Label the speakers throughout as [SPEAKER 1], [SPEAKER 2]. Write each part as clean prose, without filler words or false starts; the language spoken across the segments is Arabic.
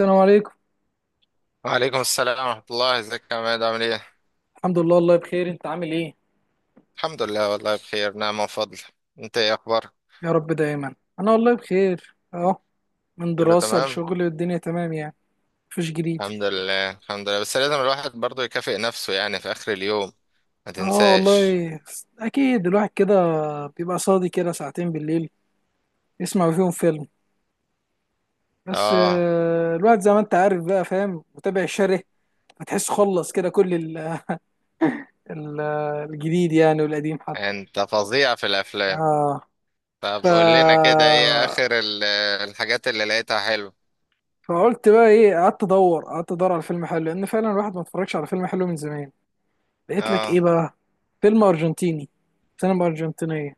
[SPEAKER 1] السلام عليكم.
[SPEAKER 2] وعليكم السلام ورحمة الله، ازيك يا عماد؟ عامل ايه؟
[SPEAKER 1] الحمد لله، والله بخير. انت عامل ايه؟
[SPEAKER 2] الحمد لله والله بخير، نعم وفضل. انت ايه اخبارك؟
[SPEAKER 1] يا رب دايما. انا والله بخير. اه من
[SPEAKER 2] كله
[SPEAKER 1] دراسة
[SPEAKER 2] تمام؟
[SPEAKER 1] لشغل، والدنيا تمام يعني. مفيش جديد.
[SPEAKER 2] الحمد لله الحمد لله، بس لازم الواحد برضه يكافئ نفسه يعني في اخر اليوم، ما
[SPEAKER 1] اه
[SPEAKER 2] تنساش.
[SPEAKER 1] والله، اكيد الواحد كده بيبقى صادي كده ساعتين بالليل يسمع فيهم فيلم. بس
[SPEAKER 2] اه.
[SPEAKER 1] الواحد زي ما انت عارف بقى، فاهم متابع الشره. فتحس خلص كده كل ال- الجديد يعني، والقديم حتى.
[SPEAKER 2] انت فظيع في الافلام.
[SPEAKER 1] اه. ف
[SPEAKER 2] طب قول لنا كده ايه اخر الحاجات اللي لقيتها حلوة.
[SPEAKER 1] فقلت بقى ايه، قعدت ادور على فيلم حلو، لان فعلا الواحد ما اتفرجش على فيلم حلو من زمان. لقيت لك
[SPEAKER 2] اه
[SPEAKER 1] ايه بقى؟ فيلم ارجنتيني، سينما ارجنتينيه.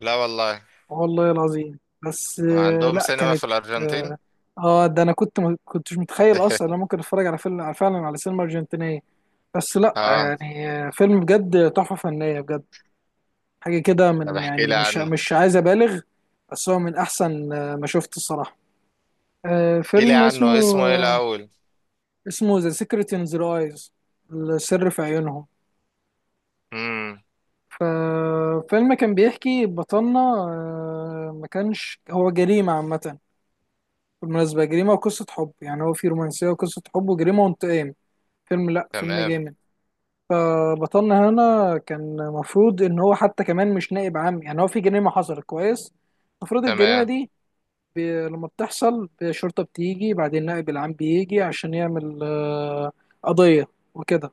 [SPEAKER 2] لا والله.
[SPEAKER 1] والله العظيم. بس
[SPEAKER 2] عندهم
[SPEAKER 1] لا،
[SPEAKER 2] سينما
[SPEAKER 1] كانت.
[SPEAKER 2] في الارجنتين؟
[SPEAKER 1] اه. ده انا كنت ما كنتش متخيل اصلا إن انا ممكن اتفرج على فيلم فعلا على سينما ارجنتينيه. بس لا
[SPEAKER 2] اه.
[SPEAKER 1] يعني، فيلم بجد تحفه فنيه بجد. حاجه كده
[SPEAKER 2] طب
[SPEAKER 1] من،
[SPEAKER 2] احكي
[SPEAKER 1] يعني
[SPEAKER 2] لي
[SPEAKER 1] مش
[SPEAKER 2] عنه.
[SPEAKER 1] مش عايز ابالغ. بس هو من احسن ما شفت الصراحه.
[SPEAKER 2] احكي لي
[SPEAKER 1] فيلم اسمه
[SPEAKER 2] عنه اسمه ايه
[SPEAKER 1] آه،
[SPEAKER 2] الاول؟
[SPEAKER 1] اسمه ذا سيكريت ان ذا ايز، السر في عيونهم.
[SPEAKER 2] امم.
[SPEAKER 1] ففيلم كان بيحكي، بطلنا ما كانش هو جريمة عامة. بالمناسبة جريمة وقصة حب، يعني هو في رومانسية وقصة حب وجريمة وانتقام. فيلم، لأ فيلم
[SPEAKER 2] تمام.
[SPEAKER 1] جامد. فبطلنا هنا كان مفروض إن هو حتى كمان مش نائب عام. يعني هو في جريمة حصلت، كويس. المفروض الجريمة
[SPEAKER 2] تمام.
[SPEAKER 1] دي لما بتحصل، الشرطة بتيجي، بعدين النائب العام بيجي عشان يعمل قضية وكده.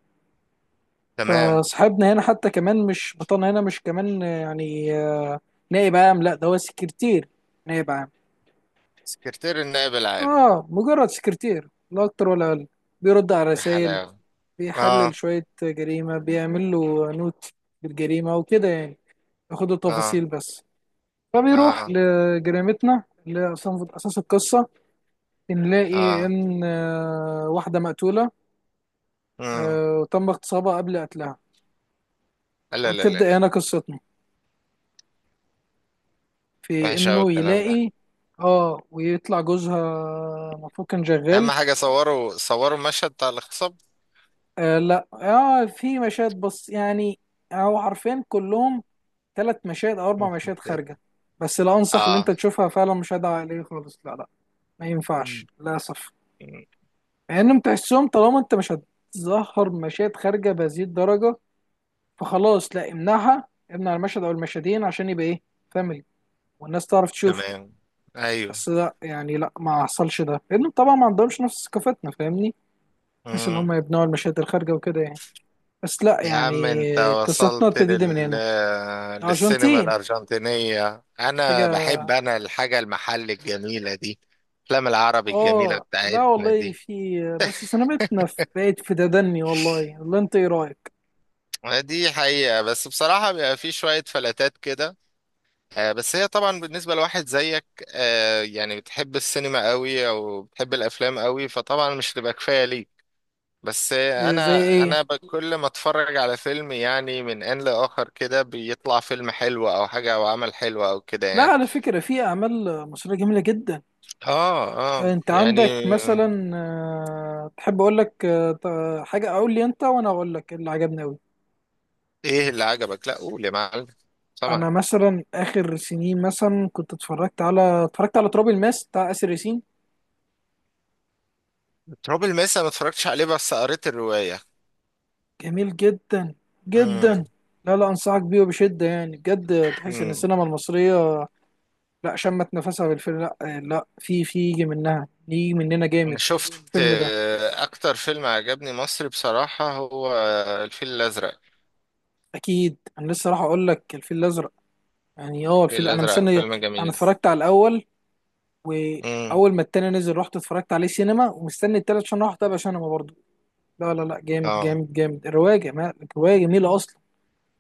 [SPEAKER 2] تمام.
[SPEAKER 1] فصاحبنا هنا حتى كمان مش بطلنا هنا مش كمان يعني نائب عام. لا، ده هو سكرتير نائب عام.
[SPEAKER 2] سكرتير النائب العام.
[SPEAKER 1] اه، مجرد سكرتير، لا اكتر ولا اقل. بيرد على
[SPEAKER 2] يا
[SPEAKER 1] رسائل،
[SPEAKER 2] حلاوة.
[SPEAKER 1] بيحلل
[SPEAKER 2] اه
[SPEAKER 1] شوية جريمة، بيعمل له نوت بالجريمة وكده يعني، ياخد
[SPEAKER 2] اه
[SPEAKER 1] التفاصيل بس. فبيروح
[SPEAKER 2] اه
[SPEAKER 1] لجريمتنا اللي أساس القصة. بنلاقي
[SPEAKER 2] اه.
[SPEAKER 1] إن واحدة مقتولة،
[SPEAKER 2] مم.
[SPEAKER 1] وتم اغتصابها قبل قتلها.
[SPEAKER 2] لا لا لا.
[SPEAKER 1] وبتبدأ هنا قصتنا، في
[SPEAKER 2] وحش قوي
[SPEAKER 1] انه
[SPEAKER 2] الكلام ده.
[SPEAKER 1] يلاقي. اه، ويطلع جوزها المفروض كان
[SPEAKER 2] اهم
[SPEAKER 1] شغال.
[SPEAKER 2] حاجة صوروا صوروا المشهد بتاع الاغتصاب؟
[SPEAKER 1] آه، لا، في مشاهد بس يعني، هو حرفيا كلهم ثلاث مشاهد او اربع
[SPEAKER 2] مم.
[SPEAKER 1] مشاهد خارجه. بس لا، انصح ان
[SPEAKER 2] اه.
[SPEAKER 1] انت تشوفها، فعلا مشاهد عائليه خالص، لا لا، ما ينفعش
[SPEAKER 2] مم.
[SPEAKER 1] للاسف.
[SPEAKER 2] مم.
[SPEAKER 1] مع انهم تحسهم، طالما انت مش هتظهر مشاهد خارجه بهذه الدرجه، فخلاص لا، امنعها، امنع المشهد او المشهدين عشان يبقى ايه، فاميلي، والناس تعرف تشوفه.
[SPEAKER 2] تمام. ايوه.
[SPEAKER 1] بس لا يعني، لا ما حصلش ده لان طبعا ما عندهمش نفس ثقافتنا، فاهمني، بحيث ان
[SPEAKER 2] مم.
[SPEAKER 1] هم يبنوا المشاهد الخارجه وكده يعني. بس لا
[SPEAKER 2] يا عم
[SPEAKER 1] يعني،
[SPEAKER 2] انت
[SPEAKER 1] قصتنا
[SPEAKER 2] وصلت
[SPEAKER 1] ابتدت من هنا.
[SPEAKER 2] للسينما
[SPEAKER 1] الارجنتين.
[SPEAKER 2] الارجنتينية. انا
[SPEAKER 1] حاجه.
[SPEAKER 2] بحب، انا الحاجة المحل الجميلة دي، الافلام العربي الجميلة
[SPEAKER 1] اه. لا
[SPEAKER 2] بتاعتنا
[SPEAKER 1] والله
[SPEAKER 2] دي.
[SPEAKER 1] في، بس سنبتنا في بقت في تدني والله. والله انت ايه رايك؟
[SPEAKER 2] دي حقيقة، بس بصراحة بيبقى في شوية فلاتات كده. بس هي طبعا بالنسبة لواحد زيك، يعني بتحب السينما قوي او بتحب الافلام قوي، فطبعا مش تبقى كفاية ليك. بس
[SPEAKER 1] إيه زي
[SPEAKER 2] انا
[SPEAKER 1] ايه؟
[SPEAKER 2] انا كل ما اتفرج على فيلم يعني من ان لاخر كده بيطلع فيلم حلو او حاجة او عمل حلو او كده
[SPEAKER 1] لا،
[SPEAKER 2] يعني.
[SPEAKER 1] على فكره في اعمال مصريه جميله جدا.
[SPEAKER 2] اه اه
[SPEAKER 1] انت
[SPEAKER 2] يعني.
[SPEAKER 1] عندك مثلا تحب اقول لك حاجه، اقول لي انت وانا اقول لك اللي عجبني أوي.
[SPEAKER 2] ايه اللي عجبك، لا قول يا معلم،
[SPEAKER 1] انا
[SPEAKER 2] سامعك.
[SPEAKER 1] مثلا اخر سنين مثلا، كنت اتفرجت على تراب الماس بتاع اسر ياسين.
[SPEAKER 2] تراب الماس أنا ما اتفرجتش عليه بس قريت الرواية.
[SPEAKER 1] جميل جدا جدا. لا لا، انصحك بيه وبشده يعني، بجد تحس ان
[SPEAKER 2] امم.
[SPEAKER 1] السينما المصريه، لا شمت نفسها بالفيلم. لا لا، في يجي منها، يجي مننا
[SPEAKER 2] انا
[SPEAKER 1] جامد.
[SPEAKER 2] شفت
[SPEAKER 1] الفيلم ده،
[SPEAKER 2] اكتر فيلم عجبني مصري بصراحة هو الفيل الازرق.
[SPEAKER 1] اكيد انا لسه راح اقول لك الفيل الازرق يعني. اه
[SPEAKER 2] الفيل
[SPEAKER 1] الفيل، انا
[SPEAKER 2] الازرق
[SPEAKER 1] مستني.
[SPEAKER 2] فيلم
[SPEAKER 1] انا
[SPEAKER 2] جميل.
[SPEAKER 1] اتفرجت على الاول،
[SPEAKER 2] امم.
[SPEAKER 1] واول ما التاني نزل رحت اتفرجت عليه سينما، ومستني التالت عشان اروح اتابع سينما برضه. لا لا لا، جامد
[SPEAKER 2] اه.
[SPEAKER 1] جامد جامد. الروايه، جمال الروايه، جميله اصلا.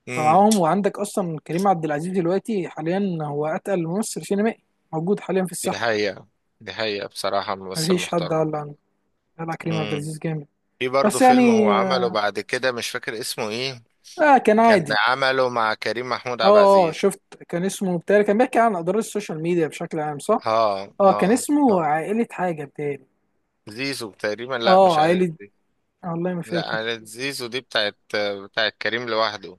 [SPEAKER 2] امم.
[SPEAKER 1] فمعاهم، وعندك اصلا كريم عبد العزيز دلوقتي حاليا، هو اتقل ممثل سينمائي موجود حاليا في
[SPEAKER 2] دي
[SPEAKER 1] الساحه.
[SPEAKER 2] حقيقة. دي حقيقة، بصراحة ممثل
[SPEAKER 1] مفيش حد
[SPEAKER 2] محترم.
[SPEAKER 1] قال عنه، قال على كريم عبد
[SPEAKER 2] امم.
[SPEAKER 1] العزيز جامد.
[SPEAKER 2] في برضه
[SPEAKER 1] بس
[SPEAKER 2] فيلم هو
[SPEAKER 1] يعني،
[SPEAKER 2] عمله بعد كده مش فاكر اسمه ايه.
[SPEAKER 1] اه كان
[SPEAKER 2] كان
[SPEAKER 1] عادي.
[SPEAKER 2] عمله مع كريم محمود
[SPEAKER 1] اه
[SPEAKER 2] عبد
[SPEAKER 1] اه،
[SPEAKER 2] العزيز.
[SPEAKER 1] شفت، كان اسمه بتاعي، كان بيحكي عن اضرار السوشيال ميديا بشكل عام، صح.
[SPEAKER 2] اه
[SPEAKER 1] اه، كان
[SPEAKER 2] اه
[SPEAKER 1] اسمه
[SPEAKER 2] اه.
[SPEAKER 1] عائله حاجه بتاعي.
[SPEAKER 2] زيزو تقريبا، لا
[SPEAKER 1] اه،
[SPEAKER 2] مش عارف
[SPEAKER 1] عائله.
[SPEAKER 2] دي.
[SPEAKER 1] والله ما
[SPEAKER 2] لا،
[SPEAKER 1] فاكر.
[SPEAKER 2] عائلة زيزو دي بتاعت كريم لوحده.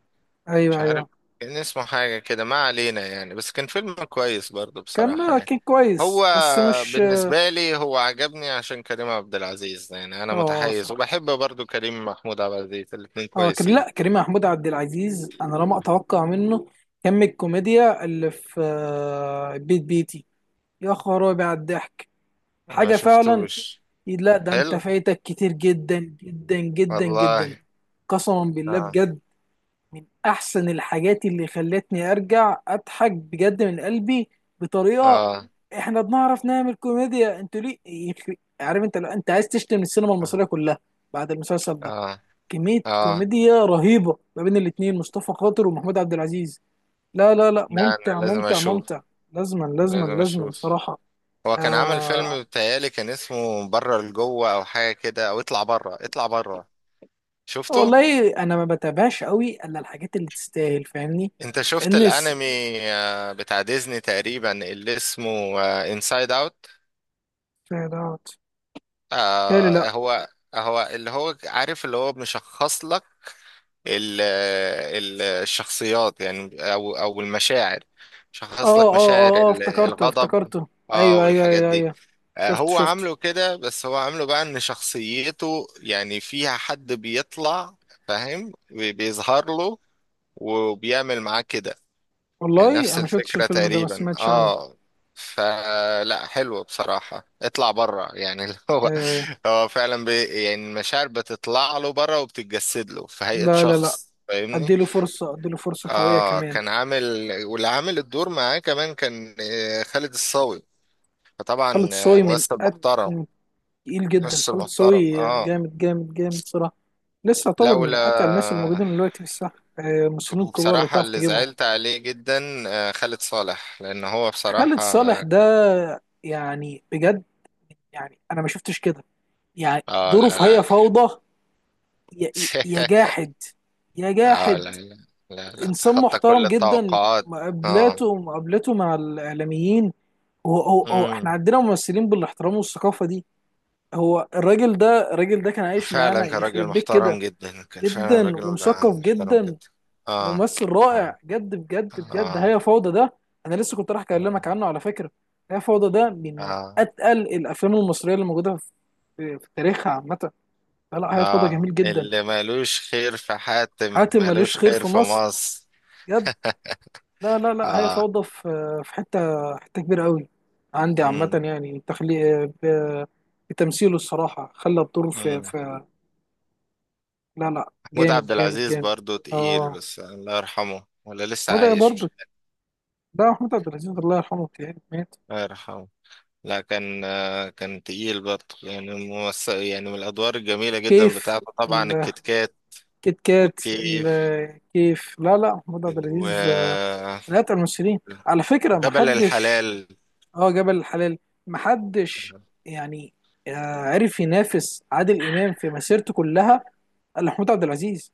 [SPEAKER 2] مش
[SPEAKER 1] ايوه
[SPEAKER 2] عارف.
[SPEAKER 1] ايوه.
[SPEAKER 2] كان اسمه حاجة كده، ما علينا يعني، بس كان فيلم كويس برضه
[SPEAKER 1] كان
[SPEAKER 2] بصراحة
[SPEAKER 1] آه،
[SPEAKER 2] يعني.
[SPEAKER 1] كان كويس
[SPEAKER 2] هو
[SPEAKER 1] بس مش اه.
[SPEAKER 2] بالنسبة لي هو عجبني عشان كريم عبد العزيز، يعني أنا متحيز
[SPEAKER 1] صراحه.
[SPEAKER 2] وبحب برضه كريم محمود عبد العزيز، الاتنين
[SPEAKER 1] اه.
[SPEAKER 2] كويسين.
[SPEAKER 1] لا، كريم محمود عبد العزيز، انا لا ما اتوقع منه كم الكوميديا اللي في بيت بيتي، يا خرابي على الضحك،
[SPEAKER 2] أنا ما
[SPEAKER 1] حاجه فعلا.
[SPEAKER 2] شفتوش.
[SPEAKER 1] لا ده انت
[SPEAKER 2] حلو
[SPEAKER 1] فايتك كتير جدا جدا جدا
[SPEAKER 2] والله.
[SPEAKER 1] جدا، قسما بالله
[SPEAKER 2] آه
[SPEAKER 1] بجد. من احسن الحاجات اللي خلتني ارجع اضحك بجد من قلبي، بطريقه.
[SPEAKER 2] آه
[SPEAKER 1] احنا بنعرف نعمل كوميديا انتوا، ليه عارف انت؟ لو انت عايز تشتم السينما المصريه
[SPEAKER 2] آه
[SPEAKER 1] كلها بعد المسلسل ده،
[SPEAKER 2] آه
[SPEAKER 1] كمية
[SPEAKER 2] آه.
[SPEAKER 1] كوميديا رهيبة ما بين الاتنين مصطفى خاطر ومحمود عبد العزيز. لا لا لا،
[SPEAKER 2] لا أنا
[SPEAKER 1] ممتع
[SPEAKER 2] لازم
[SPEAKER 1] ممتع
[SPEAKER 2] أشوف،
[SPEAKER 1] ممتع. لازما لازما
[SPEAKER 2] لازم
[SPEAKER 1] لازما
[SPEAKER 2] أشوف.
[SPEAKER 1] صراحة.
[SPEAKER 2] هو كان عمل
[SPEAKER 1] آه
[SPEAKER 2] فيلم بتهيألي كان اسمه بره لجوه أو حاجة كده، أو اطلع بره اطلع بره. شفته؟
[SPEAKER 1] والله أنا ما بتابعش قوي إلا الحاجات اللي تستاهل، فاهمني.
[SPEAKER 2] انت شفت
[SPEAKER 1] الناس
[SPEAKER 2] الانمي بتاع ديزني تقريبا اللي اسمه انسايد اوت.
[SPEAKER 1] فعلاوت. تالي، لا.
[SPEAKER 2] هو هو اللي هو عارف، اللي هو مشخص لك الشخصيات يعني، او المشاعر.
[SPEAKER 1] اه
[SPEAKER 2] شخص لك
[SPEAKER 1] اه
[SPEAKER 2] مشاعر
[SPEAKER 1] اه اه، افتكرته
[SPEAKER 2] الغضب.
[SPEAKER 1] افتكرته.
[SPEAKER 2] اه
[SPEAKER 1] ايوه ايوه
[SPEAKER 2] والحاجات
[SPEAKER 1] ايوه
[SPEAKER 2] دي.
[SPEAKER 1] ايوه، شفت
[SPEAKER 2] هو
[SPEAKER 1] شفت.
[SPEAKER 2] عامله كده، بس هو عامله بقى ان شخصيته يعني فيها حد بيطلع، فاهم، بيظهر له وبيعمل معاه كده. يعني
[SPEAKER 1] والله
[SPEAKER 2] نفس
[SPEAKER 1] انا ما شفتش
[SPEAKER 2] الفكرة
[SPEAKER 1] الفيلم ده، ما
[SPEAKER 2] تقريبا،
[SPEAKER 1] سمعتش عنه.
[SPEAKER 2] اه. فلا حلو بصراحة اطلع بره، يعني اللي هو،
[SPEAKER 1] آه.
[SPEAKER 2] هو فعلا بي يعني المشاعر بتطلع له بره وبتتجسد له في هيئة
[SPEAKER 1] لا لا لا،
[SPEAKER 2] شخص، فاهمني.
[SPEAKER 1] اديله فرصة، اديله فرصة قوية
[SPEAKER 2] اه
[SPEAKER 1] كمان.
[SPEAKER 2] كان عامل، واللي عامل الدور معاه كمان كان خالد الصاوي، فطبعا
[SPEAKER 1] خالد صوي من
[SPEAKER 2] ممثل محترم.
[SPEAKER 1] تقيل جدا.
[SPEAKER 2] ممثل
[SPEAKER 1] خالد
[SPEAKER 2] محترم
[SPEAKER 1] صاوي
[SPEAKER 2] اه.
[SPEAKER 1] جامد جامد جامد صراحه. لسه يعتبر من
[SPEAKER 2] لولا،
[SPEAKER 1] اتقل الناس الموجودين دلوقتي في الساحه، مصريين كبار اللي
[SPEAKER 2] بصراحة
[SPEAKER 1] تعرف
[SPEAKER 2] اللي
[SPEAKER 1] تجيبهم.
[SPEAKER 2] زعلت عليه جدا خالد صالح، لأن هو
[SPEAKER 1] خالد
[SPEAKER 2] بصراحة
[SPEAKER 1] صالح
[SPEAKER 2] اه.
[SPEAKER 1] ده يعني بجد، يعني انا ما شفتش كده يعني، دوره
[SPEAKER 2] لا
[SPEAKER 1] في هي
[SPEAKER 2] لا.
[SPEAKER 1] فوضى. يا يا جاحد، يا
[SPEAKER 2] اه
[SPEAKER 1] جاحد.
[SPEAKER 2] لا لا. لا لا
[SPEAKER 1] انسان
[SPEAKER 2] تخطى كل
[SPEAKER 1] محترم جدا،
[SPEAKER 2] التوقعات. اه
[SPEAKER 1] مقابلته مع الاعلاميين. هو احنا
[SPEAKER 2] امم.
[SPEAKER 1] عندنا ممثلين بالاحترام والثقافه دي. هو الراجل ده كان عايش
[SPEAKER 2] فعلا
[SPEAKER 1] معانا،
[SPEAKER 2] كان راجل
[SPEAKER 1] يخرب بيت
[SPEAKER 2] محترم
[SPEAKER 1] كده.
[SPEAKER 2] جدا، كان فعلا
[SPEAKER 1] جدا
[SPEAKER 2] راجل
[SPEAKER 1] ومثقف
[SPEAKER 2] محترم
[SPEAKER 1] جدا،
[SPEAKER 2] جدا. اه
[SPEAKER 1] وممثل
[SPEAKER 2] اه
[SPEAKER 1] رائع جد، بجد بجد.
[SPEAKER 2] اه.
[SPEAKER 1] هي فوضى ده، انا لسه كنت راح
[SPEAKER 2] مم.
[SPEAKER 1] اكلمك عنه على فكره. هي فوضى ده من
[SPEAKER 2] اه
[SPEAKER 1] اتقل الافلام المصريه اللي موجوده في تاريخها عامه. لا لا، هي فوضى
[SPEAKER 2] اه،
[SPEAKER 1] جميل جدا.
[SPEAKER 2] اللي مالوش خير في حاتم
[SPEAKER 1] حاتم ماليش
[SPEAKER 2] مالوش
[SPEAKER 1] خير
[SPEAKER 2] خير
[SPEAKER 1] في
[SPEAKER 2] في
[SPEAKER 1] مصر،
[SPEAKER 2] مصر.
[SPEAKER 1] جد. لا لا لا، هي
[SPEAKER 2] اه
[SPEAKER 1] فوضى في حته، حته كبيره قوي عندي عامه
[SPEAKER 2] امم
[SPEAKER 1] يعني، تخليق بتمثيله الصراحه، خلى الدور في,
[SPEAKER 2] امم.
[SPEAKER 1] في لا لا،
[SPEAKER 2] محمود عبد
[SPEAKER 1] جامد جامد
[SPEAKER 2] العزيز
[SPEAKER 1] جامد.
[SPEAKER 2] برضو تقيل،
[SPEAKER 1] اه.
[SPEAKER 2] بس الله يرحمه ولا لسه
[SPEAKER 1] وده برضه،
[SPEAKER 2] عايش؟
[SPEAKER 1] ده محمود عبد العزيز الله يرحمه يعني، مات.
[SPEAKER 2] الله يرحمه. لا كان، كان تقيل برضه يعني، يعني من الأدوار الجميلة جدا
[SPEAKER 1] كيف،
[SPEAKER 2] بتاعته طبعا الكتكات
[SPEAKER 1] كيت كات،
[SPEAKER 2] والكيف
[SPEAKER 1] الكيف. لا لا، محمود عبد العزيز من أتقل الممثلين. على فكرة
[SPEAKER 2] وجبل
[SPEAKER 1] محدش،
[SPEAKER 2] الحلال.
[SPEAKER 1] اه، جبل الحلال، محدش يعني عرف ينافس عادل إمام في مسيرته كلها إلا محمود عبد العزيز.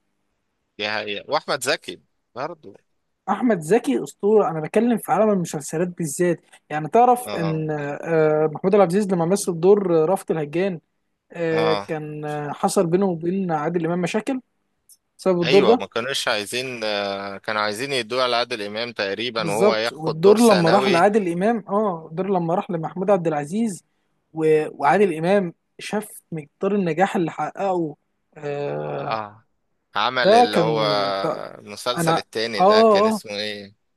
[SPEAKER 2] دي حقيقة، وأحمد زكي برضه.
[SPEAKER 1] أحمد زكي أسطورة. أنا بتكلم في عالم المسلسلات بالذات. يعني تعرف
[SPEAKER 2] اه
[SPEAKER 1] إن محمود عبد العزيز لما مثل دور رأفت الهجان، آه،
[SPEAKER 2] اه.
[SPEAKER 1] كان آه، حصل بينه وبين عادل إمام مشاكل بسبب الدور
[SPEAKER 2] ايوه ما
[SPEAKER 1] ده.
[SPEAKER 2] كانوش عايزين، كانوا عايزين يدوه على عادل امام تقريبا وهو
[SPEAKER 1] بالظبط.
[SPEAKER 2] ياخد
[SPEAKER 1] والدور
[SPEAKER 2] دور
[SPEAKER 1] لما راح
[SPEAKER 2] ثانوي.
[SPEAKER 1] لعادل امام، اه الدور لما راح لمحمود عبد العزيز، و... وعادل امام شاف مقدار النجاح اللي حققه. آه
[SPEAKER 2] اه. عمل
[SPEAKER 1] ده
[SPEAKER 2] اللي هو
[SPEAKER 1] كان، لا،
[SPEAKER 2] المسلسل
[SPEAKER 1] انا
[SPEAKER 2] التاني ده
[SPEAKER 1] اه
[SPEAKER 2] كان
[SPEAKER 1] اه
[SPEAKER 2] اسمه ايه؟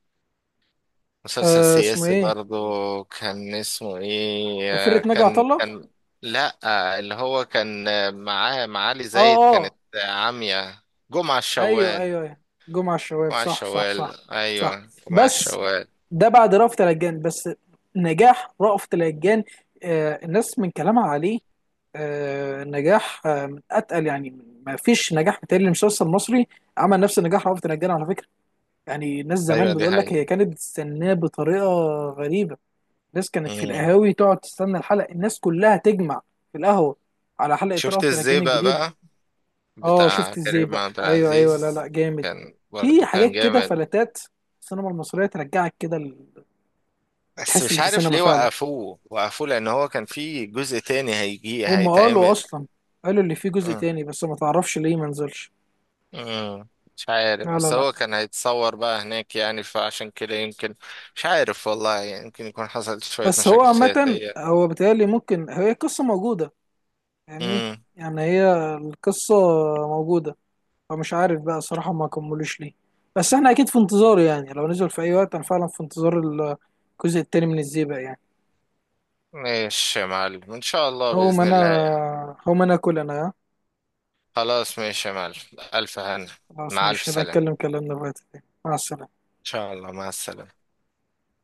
[SPEAKER 2] مسلسل
[SPEAKER 1] اسمه
[SPEAKER 2] سياسي
[SPEAKER 1] ايه؟
[SPEAKER 2] برضو كان اسمه ايه،
[SPEAKER 1] فرقة ناجي عطا
[SPEAKER 2] كان
[SPEAKER 1] الله.
[SPEAKER 2] كان لا، اللي هو كان معاه معالي
[SPEAKER 1] اه
[SPEAKER 2] زايد، كانت
[SPEAKER 1] اه،
[SPEAKER 2] عامية جمعة
[SPEAKER 1] ايوه
[SPEAKER 2] الشوال.
[SPEAKER 1] ايوه ايوه، جمعة الشوال.
[SPEAKER 2] جمعة
[SPEAKER 1] صح صح صح
[SPEAKER 2] الشوال
[SPEAKER 1] صح.
[SPEAKER 2] ايوه، جمعة
[SPEAKER 1] بس
[SPEAKER 2] الشوال.
[SPEAKER 1] ده بعد رأفت الهجان. بس نجاح رأفت الهجان الناس من كلامها عليه نجاح، من اتقل يعني. ما فيش نجاح بتاعي لمسلسل مصري عمل نفس نجاح رأفت الهجان على فكره. يعني الناس
[SPEAKER 2] ايوه
[SPEAKER 1] زمان
[SPEAKER 2] دي
[SPEAKER 1] بتقول لك
[SPEAKER 2] حقيقة.
[SPEAKER 1] هي كانت بتستناه بطريقه غريبه. الناس كانت في
[SPEAKER 2] مم.
[SPEAKER 1] القهاوي تقعد تستنى الحلقه، الناس كلها تجمع في القهوه على حلقه
[SPEAKER 2] شفت
[SPEAKER 1] رأفت
[SPEAKER 2] ازاي
[SPEAKER 1] الهجان
[SPEAKER 2] بقى
[SPEAKER 1] الجديده.
[SPEAKER 2] بقى
[SPEAKER 1] اه
[SPEAKER 2] بتاع
[SPEAKER 1] شفت ازاي
[SPEAKER 2] كريم
[SPEAKER 1] بقى،
[SPEAKER 2] عبد
[SPEAKER 1] ايوه ايوه، لا
[SPEAKER 2] العزيز.
[SPEAKER 1] لا جامد.
[SPEAKER 2] كان
[SPEAKER 1] في
[SPEAKER 2] برضو كان
[SPEAKER 1] حاجات كده
[SPEAKER 2] جامد.
[SPEAKER 1] فلتات، السينما المصريه ترجعك كده
[SPEAKER 2] بس
[SPEAKER 1] تحس
[SPEAKER 2] مش
[SPEAKER 1] ان في
[SPEAKER 2] عارف
[SPEAKER 1] سينما
[SPEAKER 2] ليه
[SPEAKER 1] فعلا.
[SPEAKER 2] وقفوه وقفوه لان هو كان في جزء تاني هيجي
[SPEAKER 1] هم قالوا
[SPEAKER 2] هيتعمل.
[SPEAKER 1] اصلا، قالوا اللي فيه جزء تاني، بس ما تعرفش ليه ما نزلش.
[SPEAKER 2] مم. مش عارف
[SPEAKER 1] لا لا
[SPEAKER 2] بس
[SPEAKER 1] لا.
[SPEAKER 2] هو كان هيتصور بقى هناك يعني فعشان كده يمكن. مش عارف والله يعني، يمكن يكون حصلت شوية
[SPEAKER 1] بس هو
[SPEAKER 2] مشاكل
[SPEAKER 1] عامة
[SPEAKER 2] سياسية.
[SPEAKER 1] هو بيتهيألي ممكن هي القصة موجودة، فاهمني؟
[SPEAKER 2] امم.
[SPEAKER 1] يعني هي القصة موجودة، فمش عارف بقى صراحة ما كملوش ليه. بس احنا اكيد في انتظاره يعني، لو نزل في اي وقت انا فعلا في انتظار الجزء التاني من الزيبق يعني.
[SPEAKER 2] ماشي يا معلم، ان شاء الله
[SPEAKER 1] هو ما
[SPEAKER 2] بإذن
[SPEAKER 1] انا
[SPEAKER 2] الله يعني.
[SPEAKER 1] هو ما انا اكل، انا، ها؟
[SPEAKER 2] خلاص ماشي يا معلم. ألف هنا.
[SPEAKER 1] خلاص،
[SPEAKER 2] مع ألف
[SPEAKER 1] ماشي نبقى
[SPEAKER 2] سلامة ان
[SPEAKER 1] نتكلم كلامنا في وقت تاني. مع السلامة.
[SPEAKER 2] شاء الله، مع السلامة.